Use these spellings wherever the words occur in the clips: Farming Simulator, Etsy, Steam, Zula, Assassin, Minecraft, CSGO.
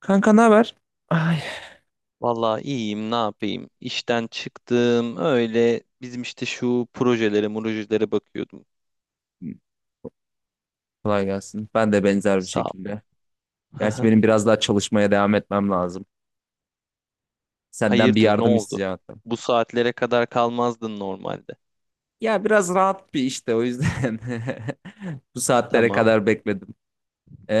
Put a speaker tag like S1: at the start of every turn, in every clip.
S1: Kanka ne haber? Ay,
S2: Vallahi iyiyim, ne yapayım? İşten çıktım. Öyle bizim işte şu projelere bakıyordum.
S1: kolay gelsin. Ben de benzer bir
S2: Sağ ol.
S1: şekilde. Gerçi benim biraz daha çalışmaya devam etmem lazım. Senden bir
S2: Hayırdır, ne
S1: yardım
S2: oldu?
S1: isteyeceğim hatta.
S2: Bu saatlere kadar kalmazdın normalde.
S1: Ya biraz rahat bir işte o yüzden bu saatlere
S2: Tamam,
S1: kadar bekledim.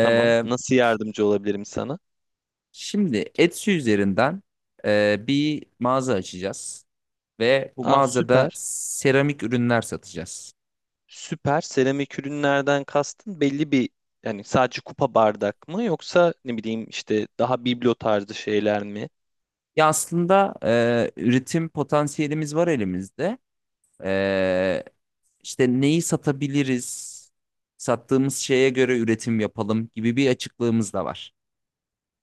S2: tamam. Nasıl yardımcı olabilirim sana?
S1: şimdi Etsy üzerinden bir mağaza açacağız ve bu
S2: Aa
S1: mağazada
S2: süper.
S1: seramik ürünler satacağız.
S2: Süper. Seramik ürünlerden kastın belli bir yani sadece kupa bardak mı yoksa ne bileyim işte daha biblo tarzı şeyler mi?
S1: Ya aslında, üretim potansiyelimiz var elimizde. E, İşte neyi satabiliriz, sattığımız şeye göre üretim yapalım gibi bir açıklığımız da var.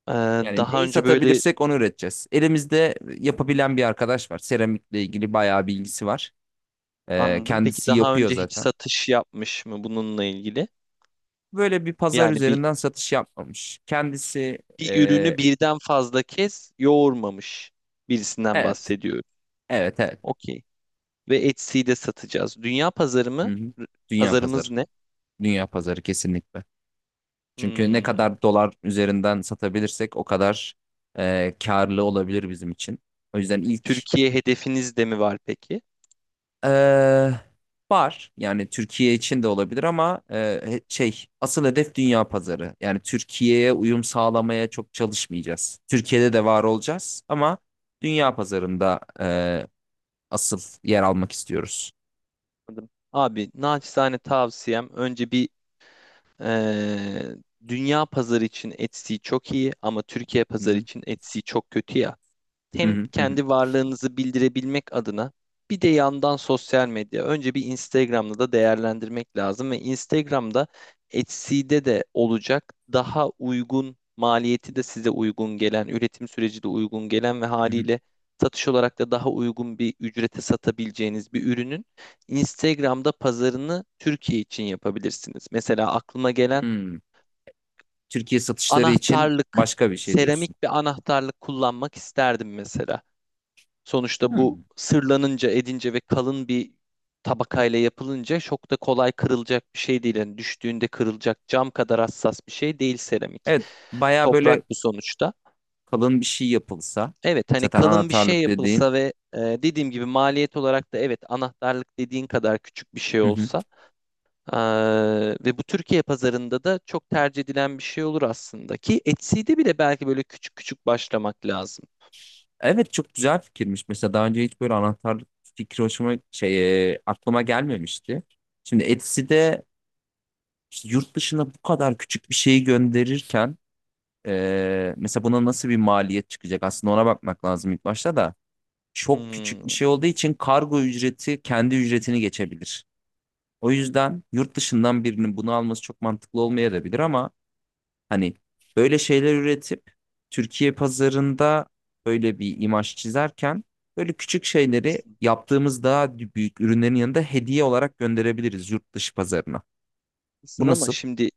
S2: Ee,
S1: Yani
S2: daha
S1: neyi
S2: önce böyle
S1: satabilirsek onu üreteceğiz. Elimizde yapabilen bir arkadaş var. Seramikle ilgili bayağı bilgisi var. Ee,
S2: anladım. Peki
S1: kendisi
S2: daha
S1: yapıyor
S2: önce hiç
S1: zaten.
S2: satış yapmış mı bununla ilgili?
S1: Böyle bir pazar
S2: Yani bir,
S1: üzerinden satış yapmamış. Kendisi,
S2: bir
S1: e,
S2: ürünü birden fazla kez yoğurmamış birisinden
S1: evet,
S2: bahsediyorum.
S1: evet, evet.
S2: Okey. Ve Etsy'yi de satacağız. Dünya pazarı
S1: Hı
S2: mı?
S1: hı.
S2: R-
S1: Dünya pazarı.
S2: Pazarımız ne?
S1: Dünya pazarı kesinlikle. Çünkü ne
S2: Hmm.
S1: kadar dolar üzerinden satabilirsek o kadar karlı olabilir bizim için. O yüzden ilk...
S2: Türkiye hedefiniz de mi var peki?
S1: Ee, var yani Türkiye için de olabilir ama, şey asıl hedef dünya pazarı. Yani Türkiye'ye uyum sağlamaya çok çalışmayacağız. Türkiye'de de var olacağız ama dünya pazarında asıl yer almak istiyoruz.
S2: Anladım. Abi naçizane tavsiyem önce bir Ee, dünya pazarı için Etsy çok iyi ama Türkiye
S1: Hı
S2: pazarı
S1: hı,
S2: için Etsy çok kötü ya
S1: hı
S2: hem
S1: hı, hı hı,
S2: kendi varlığınızı bildirebilmek adına bir de yandan sosyal medya. Önce bir Instagram'da da değerlendirmek lazım ve Instagram'da Etsy'de de olacak daha uygun maliyeti de size uygun gelen, üretim süreci de uygun gelen ve
S1: hı hı.
S2: haliyle satış olarak da daha uygun bir ücrete satabileceğiniz bir ürünün Instagram'da pazarını Türkiye için yapabilirsiniz. Mesela aklıma gelen
S1: Hmm. Türkiye satışları için
S2: anahtarlık,
S1: başka bir şey diyorsun.
S2: seramik bir anahtarlık kullanmak isterdim mesela. Sonuçta bu
S1: Hmm.
S2: sırlanınca, edince ve kalın bir tabakayla yapılınca çok da kolay kırılacak bir şey değil. Yani düştüğünde kırılacak cam kadar hassas bir şey değil seramik.
S1: Evet, baya böyle
S2: Toprak bu sonuçta.
S1: kalın bir şey yapılsa
S2: Evet hani
S1: zaten
S2: kalın bir şey
S1: anahtarlık dediğin.
S2: yapılsa ve dediğim gibi maliyet olarak da evet anahtarlık dediğin kadar küçük bir şey olsa e, ve bu Türkiye pazarında da çok tercih edilen bir şey olur aslında ki Etsy'de bile belki böyle küçük küçük başlamak lazım.
S1: Evet, çok güzel fikirmiş. Mesela daha önce hiç böyle anahtarlık fikri aklıma gelmemişti. Şimdi Etsy'de işte yurt dışına bu kadar küçük bir şeyi gönderirken mesela buna nasıl bir maliyet çıkacak? Aslında ona bakmak lazım ilk başta da. Çok küçük bir
S2: Hmm,
S1: şey olduğu için kargo ücreti kendi ücretini geçebilir. O yüzden yurt dışından birinin bunu alması çok mantıklı olmayabilir ama hani böyle şeyler üretip Türkiye pazarında böyle bir imaj çizerken böyle küçük şeyleri
S2: haklısın.
S1: yaptığımız daha büyük ürünlerin yanında hediye olarak gönderebiliriz yurt dışı pazarına. Bu
S2: Haklısın ama
S1: nasıl?
S2: şimdi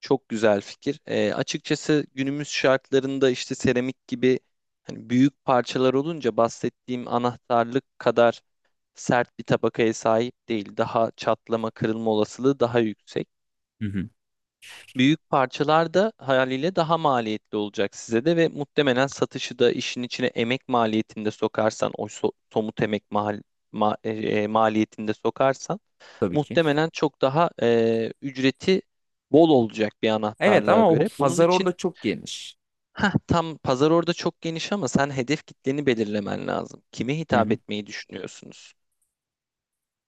S2: Çok güzel fikir. Açıkçası günümüz şartlarında işte seramik gibi hani büyük parçalar olunca bahsettiğim anahtarlık kadar sert bir tabakaya sahip değil. Daha çatlama, kırılma olasılığı daha yüksek.
S1: Hı hı.
S2: Büyük parçalar da haliyle daha maliyetli olacak size de ve muhtemelen satışı da işin içine emek maliyetinde sokarsan, o somut emek mal maliyetinde sokarsan
S1: Tabii ki.
S2: muhtemelen çok daha ücreti bol olacak bir
S1: Evet
S2: anahtarlığa
S1: ama o
S2: göre. Bunun
S1: pazar
S2: için
S1: orada çok geniş.
S2: Heh, tam pazar orada çok geniş ama sen hedef kitleni belirlemen lazım. Kime
S1: Hı
S2: hitap
S1: hı.
S2: etmeyi düşünüyorsunuz?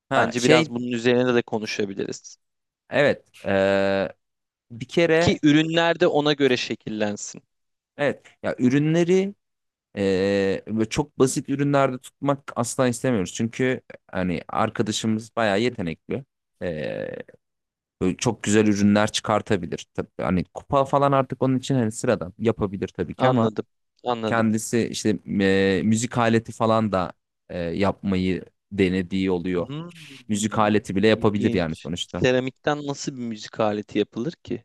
S1: Ha
S2: Bence
S1: şey,
S2: biraz bunun üzerine de konuşabiliriz.
S1: evet, bir
S2: Ki
S1: kere
S2: ürünler de ona göre şekillensin.
S1: evet, ya ürünleri böyle çok basit ürünlerde tutmak asla istemiyoruz. Çünkü hani arkadaşımız bayağı yetenekli. Eee, Böyle çok güzel ürünler çıkartabilir. Tabii hani kupa falan artık onun için hani sıradan yapabilir tabii ki ama
S2: Anladım, anladım.
S1: kendisi işte müzik aleti falan da yapmayı denediği oluyor.
S2: Hmm,
S1: Müzik aleti bile yapabilir yani
S2: ilginç.
S1: sonuçta.
S2: Seramikten nasıl bir müzik aleti yapılır ki?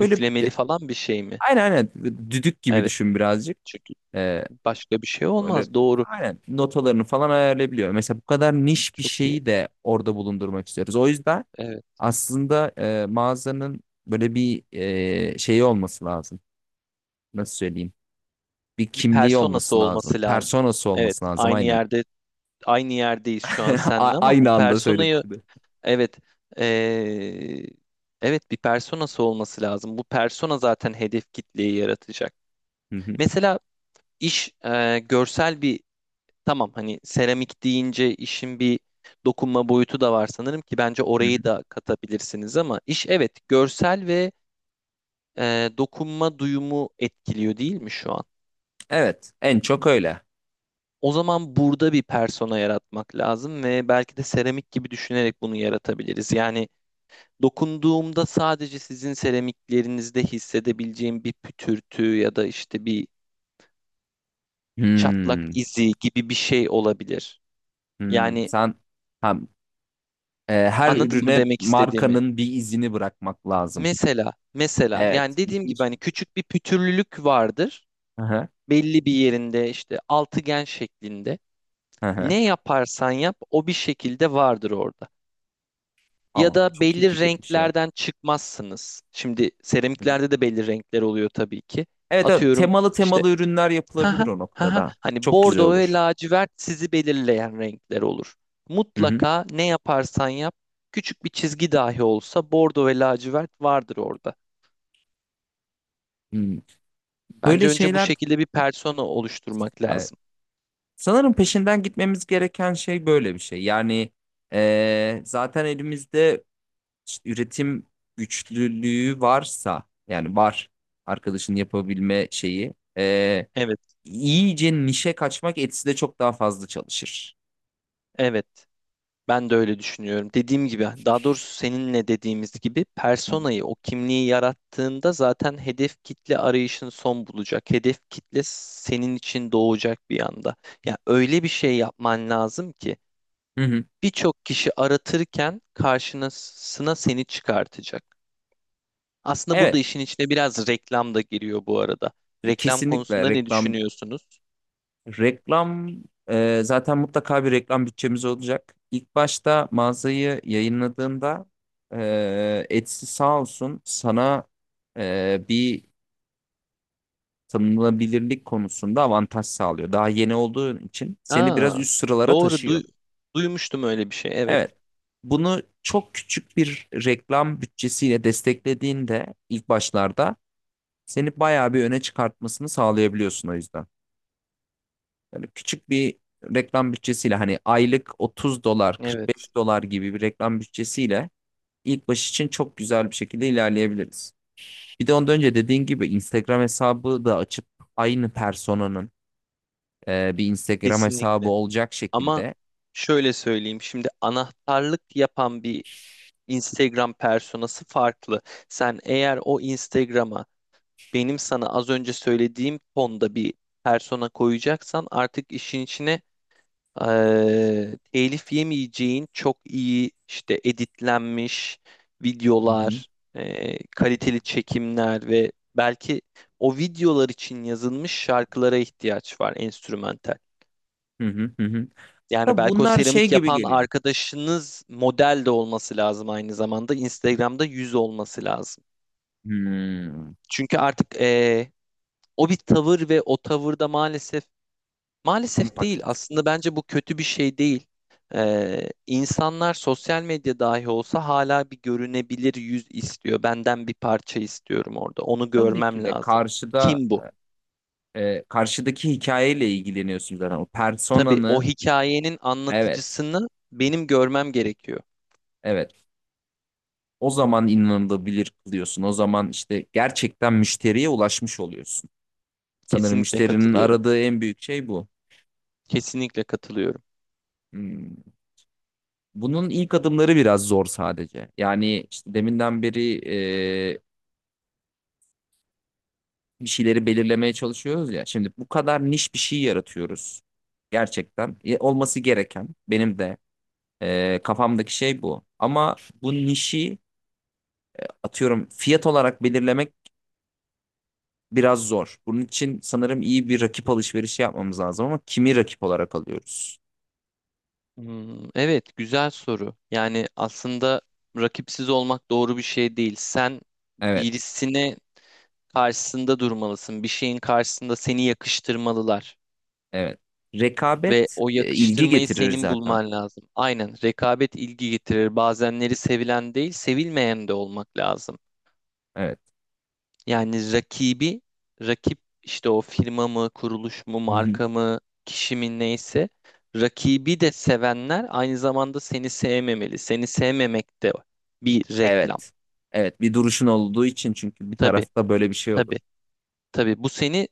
S1: Böyle, e,
S2: falan bir şey mi?
S1: aynen aynen düdük gibi
S2: Evet,
S1: düşün birazcık.
S2: çünkü
S1: E,
S2: başka bir şey
S1: öyle
S2: olmaz. Doğru,
S1: aynen notalarını falan ayarlayabiliyor. Mesela bu kadar niş bir
S2: çok iyi.
S1: şeyi de orada bulundurmak istiyoruz. O yüzden
S2: Evet,
S1: aslında mağazanın böyle bir şeyi olması lazım. Nasıl söyleyeyim? Bir
S2: bir
S1: kimliği
S2: personası
S1: olması lazım.
S2: olması lazım.
S1: Personası
S2: Evet,
S1: olması lazım
S2: aynı
S1: aynen.
S2: yerde aynı yerdeyiz şu an seninle
S1: A-
S2: ama bu
S1: aynı anda söyledim,
S2: personayı
S1: bir de.
S2: Evet. Ee, evet bir personası olması lazım. Bu persona zaten hedef kitleyi yaratacak.
S1: Hı hı,
S2: Mesela iş görsel bir tamam hani seramik deyince işin bir dokunma boyutu da var sanırım ki bence
S1: hı hı.
S2: orayı da katabilirsiniz ama iş evet görsel ve dokunma duyumu etkiliyor değil mi şu an?
S1: Evet, en çok öyle.
S2: O zaman burada bir persona yaratmak lazım ve belki de seramik gibi düşünerek bunu yaratabiliriz. Yani Dokunduğumda sadece sizin seramiklerinizde hissedebileceğim bir pütürtü ya da işte bir çatlak
S1: Hmm,
S2: izi gibi bir şey olabilir.
S1: hmm.
S2: Yani
S1: Hem her
S2: anladın mı
S1: ürüne
S2: demek istediğimi?
S1: markanın bir izini bırakmak lazım.
S2: Mesela,
S1: Evet,
S2: yani dediğim gibi
S1: ilginç.
S2: hani küçük bir pütürlülük vardır.
S1: Hı hı,
S2: Belli bir yerinde işte altıgen şeklinde.
S1: hı hı.
S2: Ne yaparsan yap o bir şekilde vardır orada. Ya
S1: Ama
S2: da
S1: çok iyi
S2: belli
S1: fikirmiş ya.
S2: renklerden çıkmazsınız. Şimdi
S1: Hı hı.
S2: seramiklerde de belli renkler oluyor tabii ki.
S1: Evet, evet,
S2: Atıyorum
S1: temalı
S2: işte
S1: temalı ürünler
S2: Ha ha
S1: yapılabilir o
S2: ha ha.
S1: noktada.
S2: Hani
S1: Çok güzel
S2: bordo ve
S1: olur.
S2: lacivert sizi belirleyen renkler olur.
S1: Hı hı.
S2: Mutlaka ne yaparsan yap, küçük bir çizgi dahi olsa bordo ve lacivert vardır orada.
S1: Hmm.
S2: Bence
S1: Böyle
S2: önce bu
S1: şeyler,
S2: şekilde bir persona oluşturmak
S1: e,
S2: lazım.
S1: Sanırım peşinden gitmemiz gereken şey böyle bir şey. Yani zaten elimizde işte üretim güçlülüğü varsa yani var arkadaşın yapabilme şeyi eee,
S2: Evet,
S1: iyice nişe kaçmak Etsy'de çok daha fazla çalışır.
S2: evet. Ben de öyle düşünüyorum. Dediğim gibi, daha doğrusu seninle dediğimiz gibi
S1: Hı hı.
S2: personayı, o kimliği yarattığında zaten hedef kitle arayışın son bulacak. Hedef kitle senin için doğacak bir anda. Ya öyle bir şey yapman lazım ki
S1: Hı hı.
S2: birçok kişi aratırken karşısına seni çıkartacak. Aslında burada
S1: Evet,
S2: işin içine biraz reklam da giriyor bu arada. Reklam
S1: kesinlikle
S2: konusunda ne
S1: reklam,
S2: düşünüyorsunuz?
S1: reklam, zaten mutlaka bir reklam bütçemiz olacak. İlk başta mağazayı yayınladığında Etsy sağ olsun sana bir tanınabilirlik konusunda avantaj sağlıyor. Daha yeni olduğun için seni biraz
S2: Aa,
S1: üst sıralara
S2: doğru
S1: taşıyor.
S2: duymuştum öyle bir şey. Evet.
S1: Evet. Bunu çok küçük bir reklam bütçesiyle desteklediğinde ilk başlarda seni bayağı bir öne çıkartmasını sağlayabiliyorsun o yüzden. Böyle küçük bir reklam bütçesiyle hani aylık 30 dolar,
S2: Evet,
S1: 45 dolar gibi bir reklam bütçesiyle ilk baş için çok güzel bir şekilde ilerleyebiliriz. Bir de ondan önce dediğin gibi Instagram hesabı da açıp aynı personanın bir Instagram hesabı
S2: kesinlikle.
S1: olacak
S2: Ama
S1: şekilde.
S2: şöyle söyleyeyim. Şimdi anahtarlık yapan bir Instagram personası farklı. Sen eğer o Instagram'a benim sana az önce söylediğim tonda bir persona koyacaksan artık işin içine telif yemeyeceğin çok iyi işte editlenmiş
S1: Hı hı.
S2: videolar, kaliteli çekimler ve belki o videolar için yazılmış şarkılara ihtiyaç var enstrümantal.
S1: Hı hı hı. Hı.
S2: Yani
S1: Da
S2: belki o
S1: bunlar şey
S2: seramik
S1: gibi
S2: yapan
S1: geliyor.
S2: arkadaşınız model de olması lazım aynı zamanda. Instagram'da yüz olması lazım.
S1: Hmm,
S2: Çünkü artık o bir tavır ve o tavırda maalesef
S1: tam
S2: maalesef değil
S1: paket.
S2: aslında bence bu kötü bir şey değil. İnsanlar sosyal medya dahi olsa hala bir görünebilir yüz istiyor. Benden bir parça istiyorum orada. Onu
S1: Tabii
S2: görmem
S1: ki de
S2: lazım.
S1: karşıda
S2: Kim bu?
S1: e, e, karşıdaki hikayeyle ilgileniyorsun zaten. O
S2: Tabii o
S1: personanı
S2: hikayenin
S1: evet.
S2: anlatıcısını benim görmem gerekiyor.
S1: Evet. O zaman inanılabilir kılıyorsun. O zaman işte gerçekten müşteriye ulaşmış oluyorsun. Sanırım
S2: Kesinlikle
S1: müşterinin
S2: katılıyorum.
S1: aradığı en büyük şey bu.
S2: Kesinlikle katılıyorum.
S1: Hmm. Bunun ilk adımları biraz zor sadece. Yani işte deminden beri e, bir şeyleri belirlemeye çalışıyoruz ya. Şimdi bu kadar niş bir şey yaratıyoruz. Gerçekten, olması gereken benim de kafamdaki şey bu. Ama bu nişi atıyorum fiyat olarak belirlemek biraz zor. Bunun için sanırım iyi bir rakip alışverişi yapmamız lazım ama kimi rakip olarak alıyoruz?
S2: Hmm, evet, güzel soru. Yani aslında rakipsiz olmak doğru bir şey değil. Sen
S1: Evet,
S2: birisine karşısında durmalısın. Bir şeyin karşısında seni yakıştırmalılar.
S1: evet.
S2: Ve
S1: Rekabet,
S2: o
S1: ilgi
S2: yakıştırmayı
S1: getirir
S2: senin
S1: zaten.
S2: bulman lazım. Aynen, rekabet ilgi getirir. Bazenleri sevilen değil, sevilmeyen de olmak lazım.
S1: Evet.
S2: Yani rakibi, rakip işte o firma mı, kuruluş mu,
S1: Hı hı.
S2: marka mı, kişi mi neyse rakibi de sevenler aynı zamanda seni sevmemeli. Seni sevmemek de bir reklam.
S1: Evet. Evet, bir duruşun olduğu için çünkü bir
S2: Tabii,
S1: tarafta böyle bir şey olur.
S2: tabii, tabii. Bu seni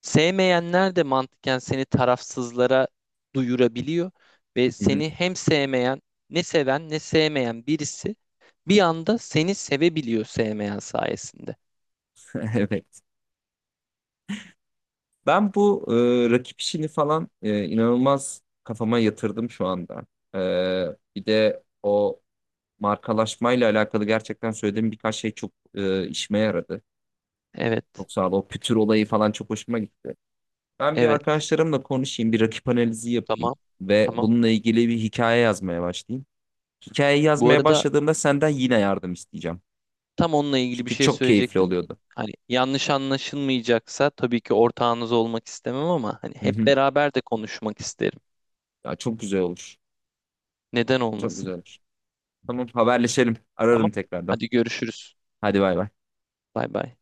S2: sevmeyenler de mantıken seni tarafsızlara duyurabiliyor ve
S1: Hı hı.
S2: seni hem sevmeyen, ne seven ne sevmeyen birisi bir anda seni sevebiliyor sevmeyen sayesinde.
S1: Evet. Ben bu rakip işini falan inanılmaz kafama yatırdım şu anda. E, bir de o markalaşmayla alakalı gerçekten söylediğim birkaç şey çok işime yaradı.
S2: Evet,
S1: Çok sağ ol. O pütür olayı falan çok hoşuma gitti. Ben bir
S2: evet.
S1: arkadaşlarımla konuşayım, bir rakip analizi yapayım
S2: Tamam,
S1: ve
S2: tamam.
S1: bununla ilgili bir hikaye yazmaya başlayayım. Hikayeyi
S2: Bu
S1: yazmaya
S2: arada
S1: başladığımda senden yine yardım isteyeceğim.
S2: Tam onunla ilgili bir
S1: Çünkü
S2: şey
S1: çok keyifli
S2: söyleyecektim.
S1: oluyordu.
S2: Hani yanlış anlaşılmayacaksa tabii ki ortağınız olmak istemem ama hani
S1: Hı
S2: hep
S1: hı.
S2: beraber de konuşmak isterim.
S1: Ya çok güzel olur.
S2: Neden
S1: Çok güzel
S2: olmasın?
S1: olur. Tamam, haberleşelim. Ararım
S2: Tamam.
S1: tekrardan.
S2: Hadi görüşürüz.
S1: Hadi bay bay.
S2: Bay bay.